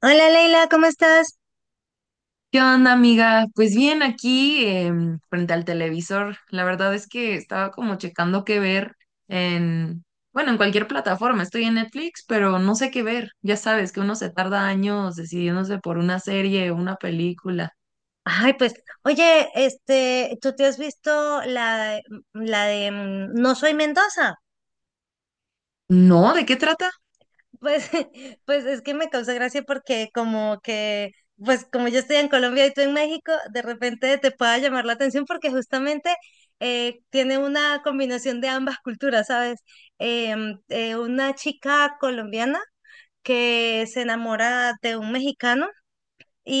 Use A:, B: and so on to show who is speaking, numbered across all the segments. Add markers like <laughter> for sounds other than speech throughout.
A: Hola Leila, ¿cómo estás?
B: ¿Qué onda, amiga? Pues bien, aquí frente al televisor. La verdad es que estaba como checando qué ver en, bueno, en cualquier plataforma. Estoy en Netflix, pero no sé qué ver. Ya sabes que uno se tarda años decidiéndose por una serie o una película.
A: Ay, pues, oye, este, ¿tú te has visto la, la de No soy Mendoza?
B: No, ¿de qué trata?
A: Pues, <laughs> pues es que me causa gracia porque como que, pues como yo estoy en Colombia y tú en México, de repente te pueda llamar la atención porque justamente tiene una combinación de ambas culturas, ¿sabes? Una chica colombiana que se enamora de un mexicano.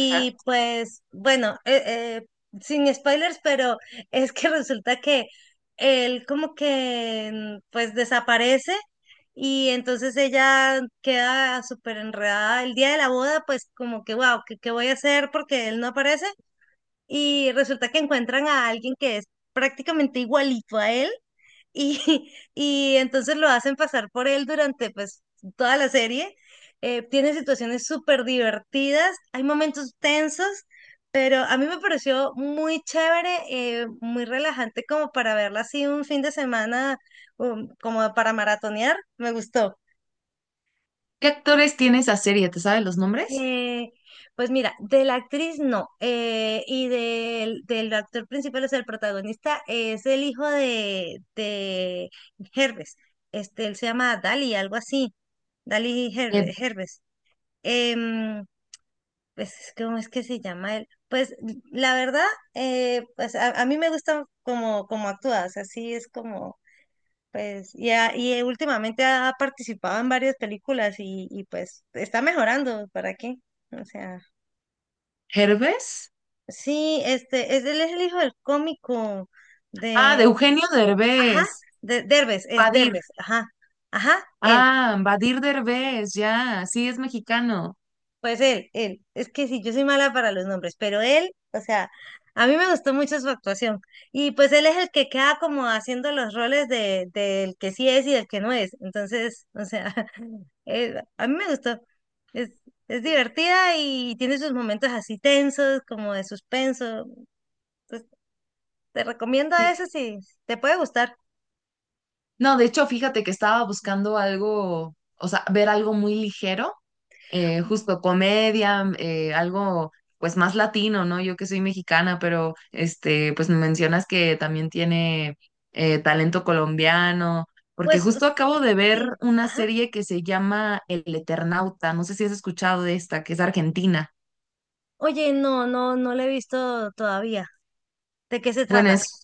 B: Ajá.
A: pues, bueno, sin spoilers, pero es que <laughs> resulta que él como que pues desaparece y entonces ella queda súper enredada. El día de la boda, pues como que, wow, qué voy a hacer? Porque él no aparece. Y resulta que encuentran a alguien que es prácticamente igualito a él y, <laughs> y entonces lo hacen pasar por él durante pues toda la serie. Tiene situaciones súper divertidas, hay momentos tensos, pero a mí me pareció muy chévere, muy relajante como para verla así un fin de semana, como para maratonear, me gustó.
B: ¿Qué actores tiene esa serie? ¿Te sabes los nombres?
A: Eh, pues mira, de la actriz no, y del actor principal, o sea, el protagonista es el hijo de Herbes, este, él se llama Dali, algo así, Dali
B: ¿Ed
A: Herbes. Em, pues, ¿cómo es que se llama él? Pues la verdad, pues a mí me gusta como, como actúa, o sea, sí es como, pues, y, últimamente ha participado en varias películas y pues está mejorando, ¿para qué? O sea.
B: Herbes?
A: Sí, este, es, él es el hijo del cómico
B: Ah,
A: de,
B: de Eugenio
A: ajá,
B: Derbez.
A: de Derbez, es
B: Badir.
A: Derbez, ajá, ajá, él,
B: Ah, Badir Derbez, ya. Sí, es mexicano.
A: pues él, es que sí, yo soy mala para los nombres, pero él, o sea, a mí me gustó mucho su actuación, y pues él es el que queda como haciendo los roles de, del que sí es y del que no es, entonces, o sea, <laughs> a mí me gustó, es, es divertida y tiene sus momentos así tensos, como de suspenso, pues te recomiendo eso si te puede gustar.
B: No, de hecho, fíjate que estaba buscando algo, o sea, ver algo muy ligero, justo comedia, algo pues más latino, ¿no? Yo que soy mexicana, pero este, pues me mencionas que también tiene talento colombiano, porque
A: Pues
B: justo acabo de ver
A: sí,
B: una
A: ajá.
B: serie que se llama El Eternauta, no sé si has escuchado de esta, que es argentina.
A: Oye, no, no, no la he visto todavía. ¿De qué se
B: Bueno,
A: trata?
B: es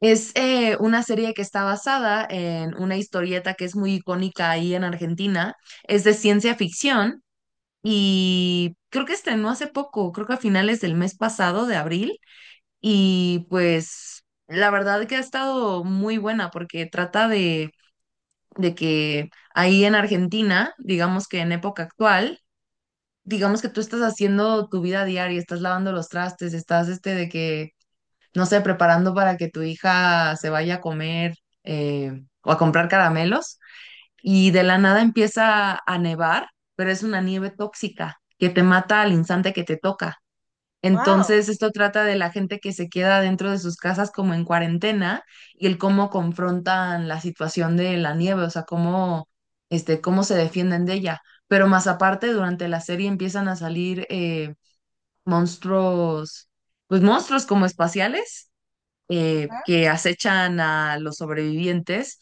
B: Es eh, una serie que está basada en una historieta que es muy icónica ahí en Argentina. Es de ciencia ficción y creo que estrenó hace poco, creo que a finales del mes pasado de abril. Y pues la verdad que ha estado muy buena porque trata de que ahí en Argentina, digamos que en época actual, digamos que tú estás haciendo tu vida diaria, estás lavando los trastes, estás de que no sé, preparando para que tu hija se vaya a comer, eh, o a comprar caramelos y de la nada empieza a nevar, pero es una nieve tóxica que te mata al instante que te toca.
A: Wow.
B: Entonces, esto trata de la gente que se queda dentro de sus casas como en cuarentena y el cómo confrontan la situación de la nieve, o sea, cómo se defienden de ella. Pero más aparte, durante la serie empiezan a salir monstruos, pues monstruos como espaciales que acechan a los sobrevivientes.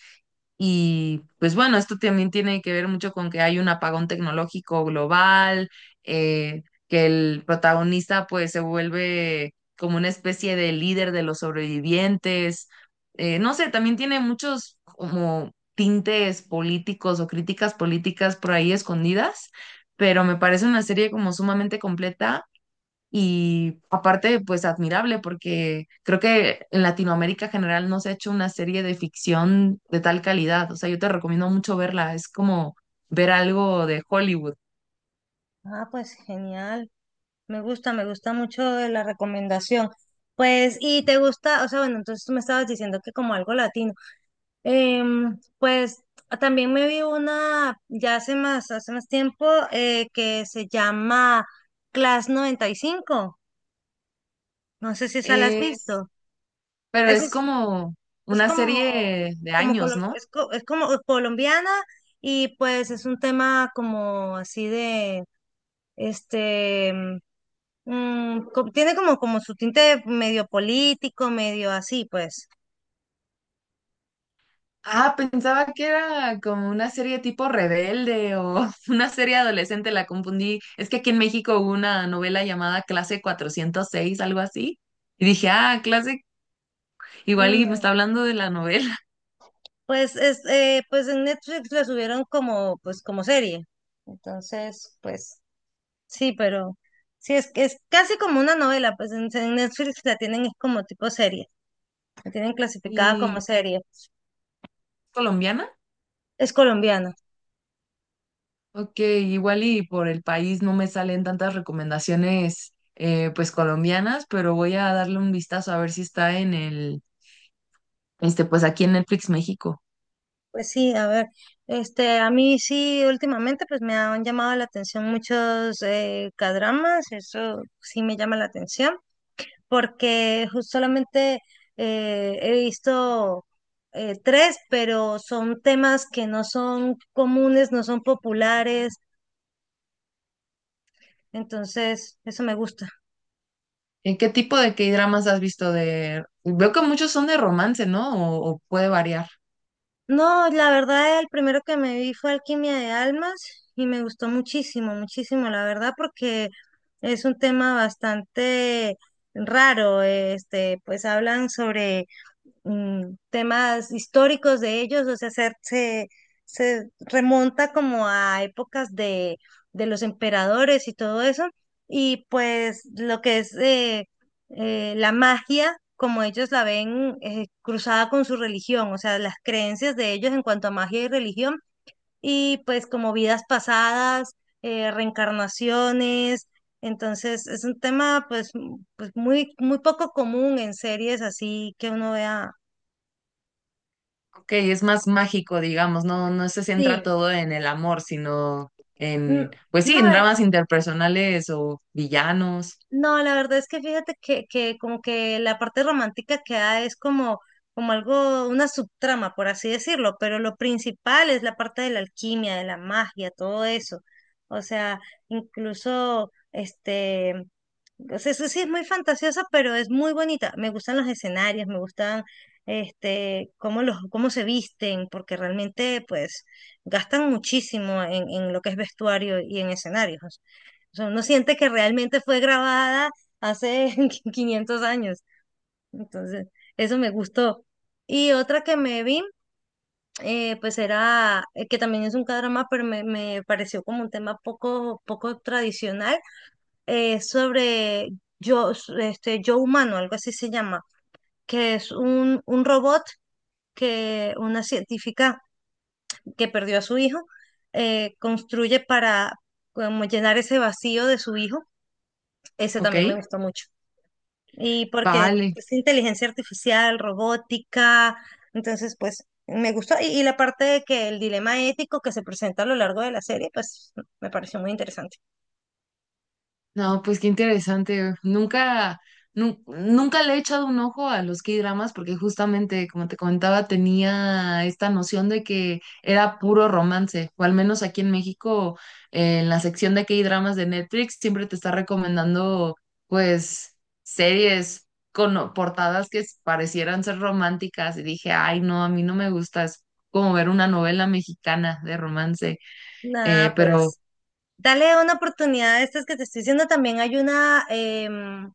B: Y pues bueno, esto también tiene que ver mucho con que hay un apagón tecnológico global, que el protagonista pues se vuelve como una especie de líder de los sobrevivientes. No sé, también tiene muchos como tintes políticos o críticas políticas por ahí escondidas, pero me parece una serie como sumamente completa y aparte, pues admirable, porque creo que en Latinoamérica en general no se ha hecho una serie de ficción de tal calidad. O sea, yo te recomiendo mucho verla. Es como ver algo de Hollywood.
A: Ah, pues genial. Me gusta mucho la recomendación. Pues, y te gusta, o sea, bueno, entonces tú me estabas diciendo que como algo latino. Em, pues también me vi una ya hace más tiempo que se llama Class 95. No sé si esa la has
B: Es,
A: visto.
B: pero
A: Esa
B: es como
A: es
B: una
A: como,
B: serie de
A: como,
B: años, ¿no?
A: es como colombiana y pues es un tema como así de, este, tiene como, como su tinte medio político, medio así, pues.
B: Ah, pensaba que era como una serie tipo rebelde o <laughs> una serie adolescente, la confundí. Es que aquí en México hubo una novela llamada Clase 406 algo así. Y dije, ah, clase, igual y me
A: No.
B: está hablando de la novela.
A: Pues, es, pues en Netflix la subieron como, pues, como serie. Entonces, pues, sí, pero sí, es casi como una novela, pues en Netflix la tienen es como tipo serie, la tienen clasificada como
B: ¿Y
A: serie.
B: colombiana?
A: Es colombiana.
B: Ok, igual y por el país no me salen tantas recomendaciones, pues colombianas, pero voy a darle un vistazo a ver si está en el, este, pues aquí en Netflix México.
A: Pues sí, a ver, este, a mí sí, últimamente pues me han llamado la atención muchos K-dramas, eso sí me llama la atención, porque solamente he visto tres, pero son temas que no son comunes, no son populares, entonces eso me gusta.
B: ¿En qué tipo de K-dramas has visto de. Veo que muchos son de romance, ¿no? O puede variar.
A: No, la verdad, el primero que me vi fue Alquimia de Almas y me gustó muchísimo, muchísimo, la verdad, porque es un tema bastante raro. Este, pues hablan sobre temas históricos de ellos, o sea, se remonta como a épocas de los emperadores y todo eso, y pues lo que es la magia, como ellos la ven cruzada con su religión, o sea, las creencias de ellos en cuanto a magia y religión, y pues como vidas pasadas, reencarnaciones. Entonces, es un tema pues, pues muy, muy poco común en series así que uno vea.
B: Ok, es más mágico, digamos, no, no se centra
A: Sí,
B: todo en el amor, sino
A: n-
B: en, pues sí,
A: no,
B: en dramas interpersonales o villanos.
A: no, la verdad es que fíjate que como que la parte romántica queda es como, como algo, una subtrama, por así decirlo, pero lo principal es la parte de la alquimia, de la magia, todo eso. O sea, incluso, este, o sea, eso sí es muy fantasiosa, pero es muy bonita. Me gustan los escenarios, me gustan, este, cómo los, cómo se visten, porque realmente, pues, gastan muchísimo en lo que es vestuario y en escenarios. O sea, uno siente que realmente fue grabada hace <laughs> 500 años. Entonces, eso me gustó. Y otra que me vi, pues era, que también es un cadrama, pero me pareció como un tema poco, poco tradicional, sobre yo, este, yo humano, algo así se llama, que es un robot que una científica que perdió a su hijo construye para como llenar ese vacío de su hijo. Ese
B: Ok,
A: también me gustó mucho. Y porque
B: vale.
A: es inteligencia artificial, robótica, entonces pues me gustó. Y la parte de que el dilema ético que se presenta a lo largo de la serie, pues me pareció muy interesante.
B: No, pues qué interesante. Nunca le he echado un ojo a los K-dramas porque justamente, como te comentaba, tenía esta noción de que era puro romance, o al menos aquí en México, en la sección de K-dramas de Netflix, siempre te está recomendando, pues, series con portadas que parecieran ser románticas y dije, ay, no, a mí no me gusta, es como ver una novela mexicana de romance.
A: Nada,
B: Pero,
A: pues dale una oportunidad a estas que te estoy diciendo. También hay una, em,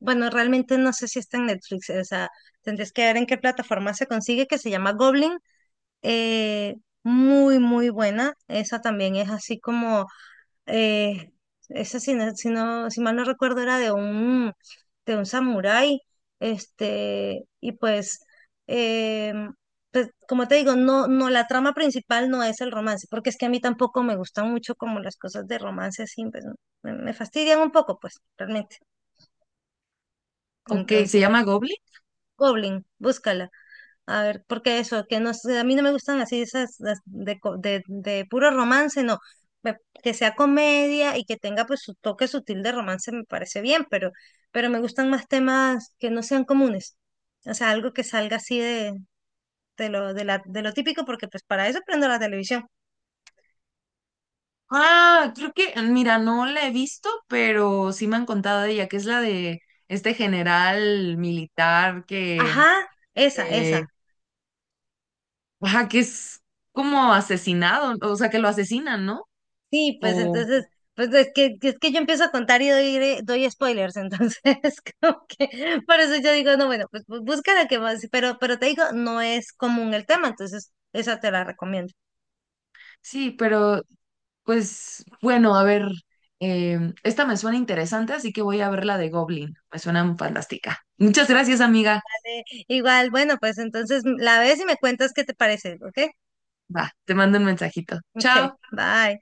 A: bueno, realmente no sé si está en Netflix, o sea, tendrías que ver en qué plataforma se consigue, que se llama Goblin. eh, Muy, muy buena. Esa también es así como. Eh, Esa, si, no, si, si mal no recuerdo, era de un samurái. Este, y pues, eh, pues, como te digo, no, no, la trama principal no es el romance, porque es que a mí tampoco me gustan mucho como las cosas de romance así, pues, me fastidian un poco, pues, realmente.
B: ok, ¿se
A: Entonces,
B: llama Goblin?
A: Goblin, búscala. A ver, porque eso, que no, sé, a mí no me gustan así esas las de, de puro romance, no. Me- Que sea comedia y que tenga pues su toque sutil de romance me parece bien, pero me gustan más temas que no sean comunes. O sea, algo que salga así de lo, de la, de lo típico, porque pues para eso prendo la televisión.
B: Ah, creo que, mira, no la he visto, pero sí me han contado de ella, que es la de este general militar que,
A: Ajá, esa,
B: eh,
A: esa.
B: ajá, que es como asesinado, o sea, que lo asesinan, ¿no?
A: Sí, pues
B: O
A: entonces, pues es que yo empiezo a contar y doy, doy spoilers, entonces <laughs> como que por eso yo digo, no, bueno, pues busca la que más, pero te digo, no es común el tema, entonces esa te la recomiendo.
B: sí, pero pues bueno, a ver, esta me suena interesante, así que voy a ver la de Goblin, me suena fantástica. Muchas gracias, amiga.
A: Igual, bueno, pues entonces la ves y me cuentas qué te parece, ¿ok?
B: Va, te mando un mensajito.
A: Ok,
B: Chao.
A: bye.